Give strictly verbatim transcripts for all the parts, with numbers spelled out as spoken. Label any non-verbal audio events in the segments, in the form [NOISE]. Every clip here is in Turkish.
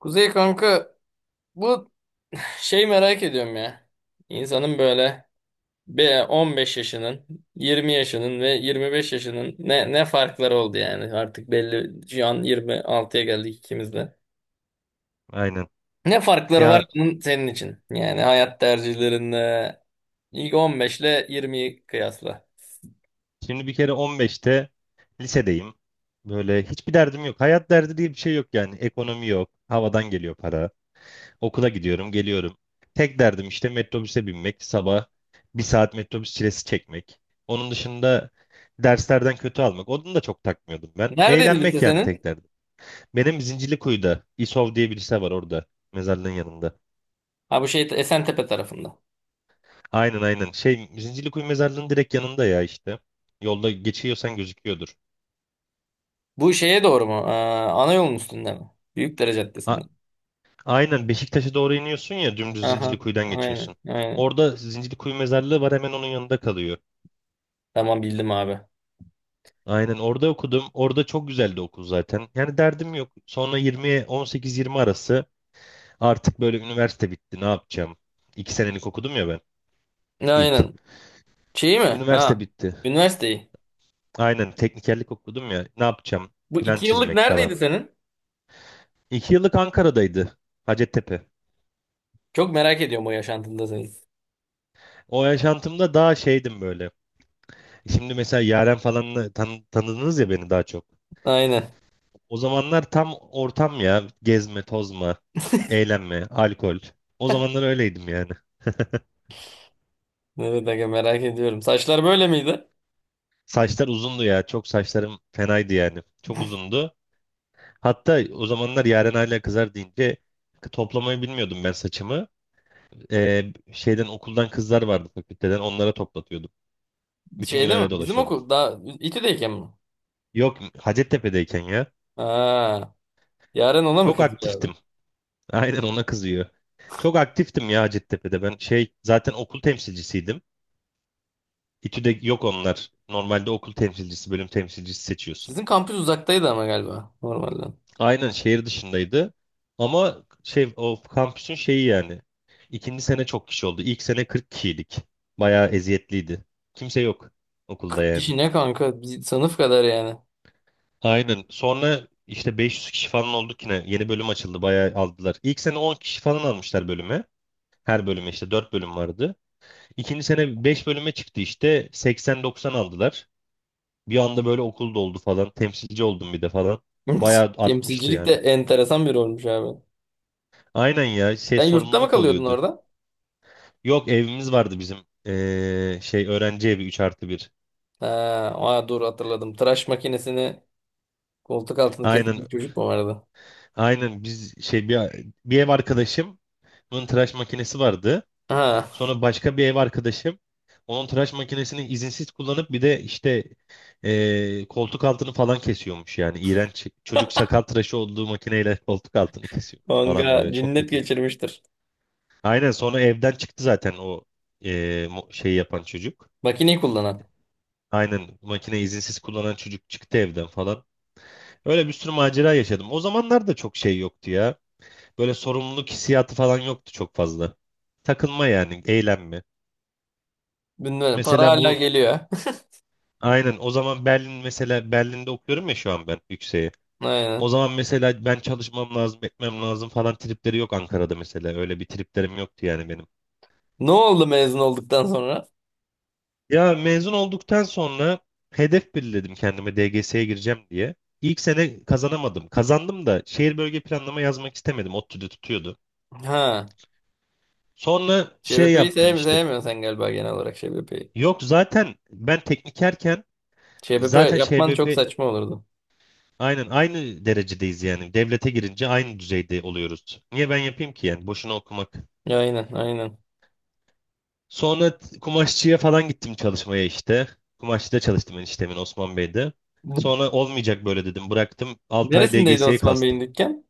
Kuzey kanka, bu şey merak ediyorum ya. İnsanın böyle bir on beş yaşının, yirmi yaşının ve yirmi beş yaşının ne ne farkları oldu yani artık belli şu an yirmi altıya geldik ikimiz de. Aynen. Ne farkları var Ya bunun senin için? Yani hayat tercihlerinde ilk on beş ile yirmiyi kıyasla. şimdi bir kere on beşte lisedeyim. Böyle hiçbir derdim yok. Hayat derdi diye bir şey yok yani. Ekonomi yok. Havadan geliyor para. Okula gidiyorum, geliyorum. Tek derdim işte metrobüse binmek. Sabah bir saat metrobüs çilesi çekmek. Onun dışında derslerden kötü almak. Onu da çok takmıyordum ben. Neredeydi lise Eğlenmek yani tek senin? derdim. Benim Zincirlikuyu'da İSOV diye bir lise var orada. Mezarlığın yanında. Ha, bu şey Esentepe tarafında. Aynen, aynen. Şey Zincirlikuyu mezarlığın direkt yanında ya işte. Yolda geçiyorsan gözüküyordur. Bu şeye doğru mu? Aa, ana yolun üstünde mi? Büyükdere Caddesi'nde. Ha, aynen Beşiktaş'a doğru iniyorsun ya dümdüz Aha, Zincirlikuyu'dan aynen, geçiyorsun. aynen. Orada Zincirlikuyu mezarlığı var hemen onun yanında kalıyor. Tamam, bildim abi. Aynen orada okudum. Orada çok güzeldi okul zaten. Yani derdim yok. Sonra yirmiye on sekiz yirmi arası artık böyle üniversite bitti ne yapacağım? iki senelik okudum ya ben ilk. Aynen. Şeyi mi? Üniversite Ha. bitti. Üniversiteyi. Aynen teknikerlik okudum ya ne yapacağım? Bu Plan iki yıllık çizmek neredeydi falan. senin? iki yıllık Ankara'daydı. Hacettepe. Çok merak ediyorum o yaşantında senin. O yaşantımda daha şeydim böyle. Şimdi mesela Yaren falanla tan tanıdınız ya beni daha çok. Aynen. O zamanlar tam ortam ya. Gezme, tozma, eğlenme, alkol. O zamanlar öyleydim yani. Evet aga, merak ediyorum. Saçlar böyle miydi? Saçlar uzundu ya. Çok saçlarım fenaydı yani. Çok uzundu. Hatta o zamanlar Yaren hala kızar deyince toplamayı bilmiyordum ben saçımı. Ee, şeyden okuldan kızlar vardı fakülteden. Onlara toplatıyordum. Bütün gün Şeyde mi? öyle Bizim dolaşıyordum. okul daha İTÜ'deyken mi? Yok Hacettepe'deyken ya. Ha. Yaren ona mı Çok kızdı abi? aktiftim. Aynen ona kızıyor. Çok aktiftim ya Hacettepe'de. Ben şey zaten okul temsilcisiydim. İTÜ'de yok onlar. Normalde okul temsilcisi, bölüm temsilcisi seçiyorsun. Sizin kampüs uzaktaydı ama galiba normalden. Aynen şehir dışındaydı. Ama şey o kampüsün şeyi yani. İkinci sene çok kişi oldu. İlk sene kırk kişiydik. Bayağı eziyetliydi. Kimse yok okulda kırk yani. kişi ne kanka? Biz sınıf kadar yani. Aynen. Sonra işte beş yüz kişi falan olduk yine. Yeni bölüm açıldı. Bayağı aldılar. İlk sene on kişi falan almışlar bölüme. Her bölüme işte dört bölüm vardı. İkinci sene beş bölüme çıktı işte. seksen doksan aldılar. Bir anda böyle okul doldu falan. Temsilci oldum bir de falan. [LAUGHS] Bayağı artmıştı Temsilcilik de yani. enteresan bir olmuş abi. Aynen ya şey Sen yurtta mı sorumluluk kalıyordun oluyordu. orada? Yok evimiz vardı bizim. Ee, şey öğrenci evi üç artı bir. Ha, aa, dur hatırladım. Tıraş makinesini koltuk altını kesen bir Aynen, çocuk mu vardı? aynen, biz şey bir, bir ev arkadaşım bunun tıraş makinesi vardı. Ha. Sonra başka bir ev arkadaşım onun tıraş makinesini izinsiz kullanıp bir de işte ee, koltuk altını falan kesiyormuş yani. İğrenç. Çocuk [LAUGHS] sakal tıraşı olduğu makineyle koltuk altını kesiyormuş falan Manga böyle çok cinnet kötü. geçirmiştir. Aynen sonra evden çıktı zaten o e, mu- şeyi yapan çocuk. Makineyi kullanan. Aynen makine izinsiz kullanan çocuk çıktı evden falan. Öyle bir sürü macera yaşadım. O zamanlar da çok şey yoktu ya. Böyle sorumluluk hissiyatı falan yoktu çok fazla. Takılma yani, eğlenme. Bilmem, para Mesela hala bu geliyor. aynen o zaman Berlin mesela Berlin'de okuyorum ya şu an ben yükseğe. [LAUGHS] O Aynen. zaman mesela ben çalışmam lazım, etmem lazım falan tripleri yok Ankara'da mesela. Öyle bir triplerim yoktu yani benim. Ne oldu mezun olduktan sonra? Ya mezun olduktan sonra hedef belirledim kendime D G S'ye gireceğim diye. İlk sene kazanamadım. Kazandım da şehir bölge planlama yazmak istemedim. ODTÜ'de tutuyordu. Ha. Sonra şey ÇBP'yi yaptım sevmi işte. sevmiyorsun sen galiba, genel olarak ÇBP'yi. Yok zaten ben teknikerken ÇBP zaten yapman çok ŞBP saçma olurdu. aynen aynı derecedeyiz yani. Devlete girince aynı düzeyde oluyoruz. Niye ben yapayım ki yani boşuna okumak. Ya, aynen aynen. Sonra t- kumaşçıya falan gittim çalışmaya işte. Kumaşçıda çalıştım eniştemin Osman Bey'de. [LAUGHS] Sonra olmayacak böyle dedim. Bıraktım altı ay Neresindeydi D G S'ye Osman Bey'in kastım. dükkan?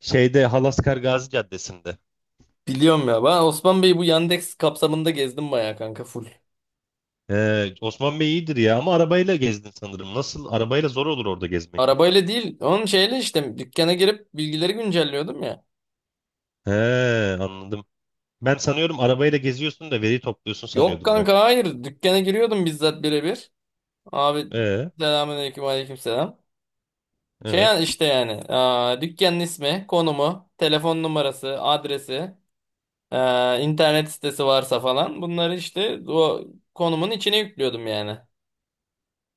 Şeyde Halaskar Gazi Caddesi'nde. Biliyorum ya. Ben Osman Bey'i bu Yandex kapsamında gezdim bayağı kanka, full. He, Osman Bey iyidir ya ama arabayla gezdin sanırım. Nasıl? Arabayla zor olur orada gezmek. Arabayla değil. Onun şeyle işte dükkana girip bilgileri güncelliyordum ya. He, anladım. Ben sanıyorum arabayla geziyorsun da veri topluyorsun Yok sanıyordum ben. kanka, hayır. Dükkana giriyordum bizzat birebir. Abi, E, selamünaleyküm aleykümselam. Şey yani evet. işte yani aa, dükkanın ismi, konumu, telefon numarası, adresi, eee, internet sitesi varsa falan bunları işte o konumun içine yüklüyordum yani.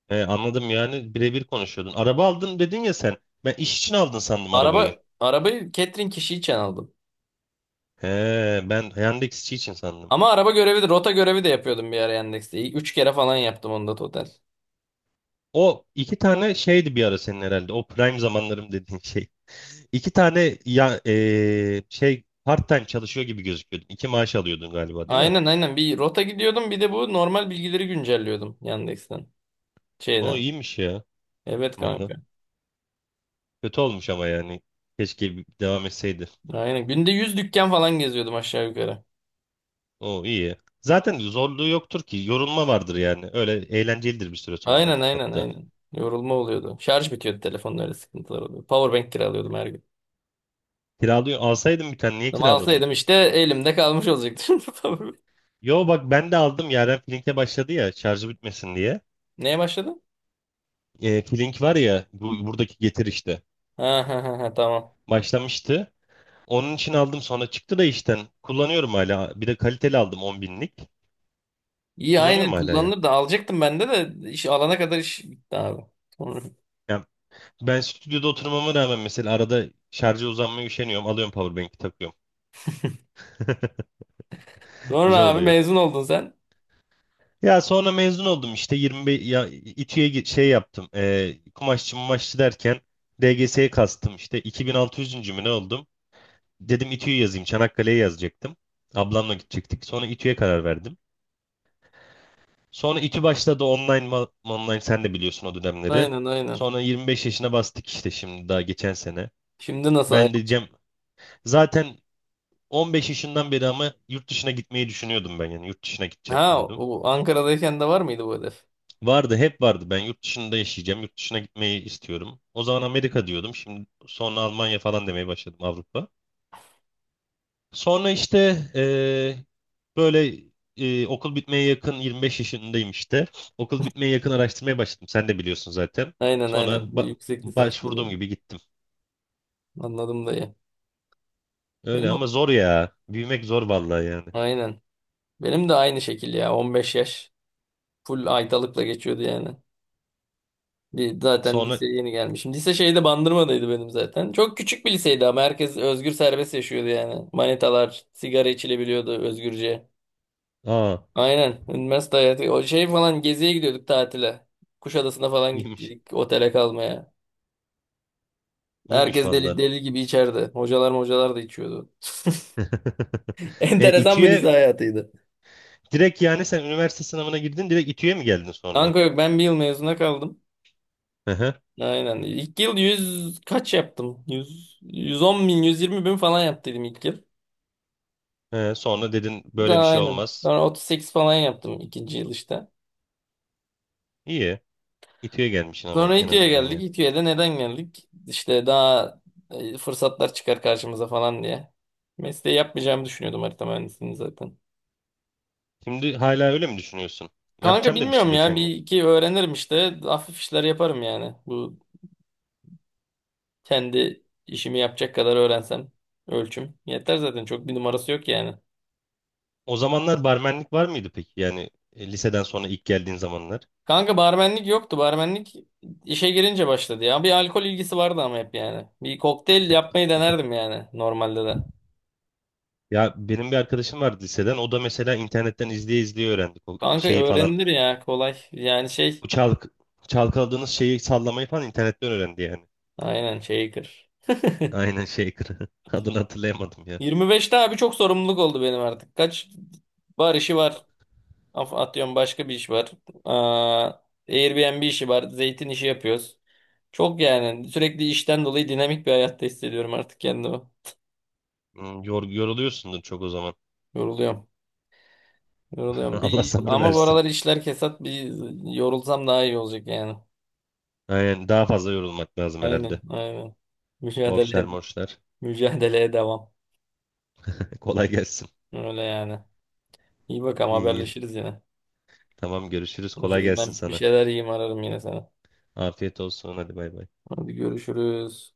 E, anladım yani birebir konuşuyordun. Araba aldın dedin ya sen. Ben iş için aldın sandım arabayı. Araba arabayı catering kişi için aldım. He, ben Yandex işi için sandım. Ama araba görevi de rota görevi de yapıyordum bir ara Yandex'te. Üç kere falan yaptım onda total. O iki tane şeydi bir ara senin herhalde. O prime zamanlarım dediğin şey. [LAUGHS] İki tane ya e, şey part time çalışıyor gibi gözüküyordun. İki maaş alıyordun galiba değil mi? Aynen aynen, bir rota gidiyordum, bir de bu normal bilgileri güncelliyordum Yandex'ten, O şeyden. iyiymiş ya. Evet Valla. kanka. Kötü olmuş ama yani. Keşke bir- devam etseydi. Aynen günde yüz dükkan falan geziyordum aşağı yukarı. O iyi ya. Zaten zorluğu yoktur ki. Yorulma vardır yani. Öyle eğlencelidir bir süre sonra Aynen aynen hatta. aynen. Yorulma oluyordu. Şarj bitiyordu telefonun, öyle sıkıntılar oluyordu. Powerbank kiralıyordum her gün. Kiralıyor. Alsaydın bir tane niye Ama kiraladın? alsaydım işte elimde kalmış olacaktı. [LAUGHS] Powerbank. Yo bak ben de aldım. Yaren Flink'e başladı ya şarjı bitmesin diye. Neye başladın? E, Flink var ya bu, buradaki Getir işte. Ha, ha, ha, ha, tamam. Başlamıştı. Onun için aldım sonra çıktı da işten. Kullanıyorum hala. Bir de kaliteli aldım on binlik. İyi Kullanıyorum aynen, hala ya. kullanılır da alacaktım ben de, de iş alana kadar iş bitti abi. Sonra, Ya ben stüdyoda oturmama rağmen mesela arada şarja uzanmaya üşeniyorum. Alıyorum powerbank'i takıyorum. [LAUGHS] sonra Güzel abi oluyor. mezun oldun sen. Ya sonra mezun oldum işte yirmi beş ya İTÜ'ye gi- şey yaptım. E, kumaşçı mumaşçı derken D G S'ye kastım işte iki bin altı yüz mü ne oldum? Dedim İTÜ'yü yazayım. Çanakkale'ye yazacaktım. Ablamla gidecektik. Sonra İTÜ'ye karar verdim. Sonra İTÜ başladı online ma- online sen de biliyorsun o dönemleri. Aynen aynen. Sonra yirmi beş yaşına bastık işte şimdi daha geçen sene. Şimdi nasıl? ay- Ben de Cem zaten on beş yaşından beri ama yurt dışına gitmeyi düşünüyordum ben yani yurt dışına gideceğim Ha diyordum. o Ankara'dayken de var mıydı bu hedef? Vardı hep vardı ben yurt dışında yaşayacağım yurt dışına gitmeyi istiyorum. O zaman Amerika diyordum şimdi sonra Almanya falan demeye başladım Avrupa. Sonra işte eee, böyle eee, okul bitmeye yakın yirmi beş yaşındayım işte. Okul bitmeye yakın araştırmaya başladım sen de biliyorsun zaten. Aynen Sonra aynen. Bu ba- yüksek lisans başvurduğum dönemi. gibi gittim. Anladım dayı. Öyle ama Benim, zor ya büyümek zor vallahi yani. aynen. Benim de aynı şekil ya, on beş yaş. Full aydalıkla geçiyordu yani. Bir, zaten Sonra liseye yeni gelmişim. Lise şeyde Bandırma'daydı benim zaten. Çok küçük bir liseydi ama herkes özgür serbest yaşıyordu yani. Manitalar, sigara içilebiliyordu özgürce. aa Aynen. Üniversite hayatı. O şey falan geziye gidiyorduk tatile. Kuşadası'na falan iyiymiş gittiydik otele kalmaya. iyiymiş Herkes deli vallahi. deli gibi içerdi. Hocalar hocalar da içiyordu. [LAUGHS] [LAUGHS] E, Enteresan bir lise İTÜ'ye hayatıydı. direkt yani sen üniversite sınavına girdin direkt İTÜ'ye mi geldin sonra? Kanka yok, ben bir yıl mezuna kaldım. Hı hı. Aynen. İlk yıl yüz kaç yaptım? yüz yüz on bin, yüz yirmi bin falan yaptıydım ilk yıl. E, sonra dedin böyle bir Daha şey aynen. olmaz. Sonra otuz sekiz falan yaptım ikinci yıl işte. İyi. İTÜ'ye gelmişsin ama Sonra en İTÜ'ye azından geldik. yani. İTÜ'ye de neden geldik? İşte daha e, fırsatlar çıkar karşımıza falan diye. Mesleği yapmayacağımı düşünüyordum, harita mühendisliğini zaten. Şimdi hala öyle mi düşünüyorsun? Kanka Yapacağım demiştin bilmiyorum ya. geçen Bir gün. iki öğrenirim işte. Hafif işler yaparım yani. Bu kendi işimi yapacak kadar öğrensem. Ölçüm. Yeter zaten. Çok bir numarası yok yani. O zamanlar barmenlik var mıydı peki? Yani e, liseden sonra ilk geldiğin zamanlar. Kanka barmenlik yoktu. Barmenlik işe girince başladı ya. Bir alkol ilgisi vardı ama hep yani. Bir kokteyl yapmayı denerdim yani normalde de. Ya benim bir arkadaşım vardı liseden. O da mesela internetten izleye izleye öğrendik o Kanka şeyi falan. öğrenilir ya, kolay. Yani şey, Bu çalk çalkaladığınız şeyi sallamayı falan internetten öğrendi yani. aynen, shaker. Aynen shaker. [LAUGHS] Adını hatırlayamadım. yirmi beşte abi çok sorumluluk oldu benim artık. Kaç bar işi var. Af- Atıyorum başka bir iş var. Aa, Airbnb işi var. Zeytin işi yapıyoruz. Çok yani sürekli işten dolayı dinamik bir hayatta hissediyorum artık kendimi. Hmm, Yor yoruluyorsundur çok o zaman. Yoruluyorum. [LAUGHS] Yoruluyorum. Allah Bir, sabır ama bu versin. aralar işler kesat, bir yorulsam daha iyi olacak yani. Aynen daha fazla yorulmak lazım Aynen herhalde. aynen. Mücadele, Borçlar ed- morçlar. mücadeleye devam. [LAUGHS] Kolay gelsin. Öyle yani. İyi bakalım, İyi. haberleşiriz yine. Tamam görüşürüz. Kolay Konuşuruz. gelsin Ben bir sana. şeyler yiyeyim, ararım yine sana. Afiyet olsun. Hadi bay bay. Hadi görüşürüz.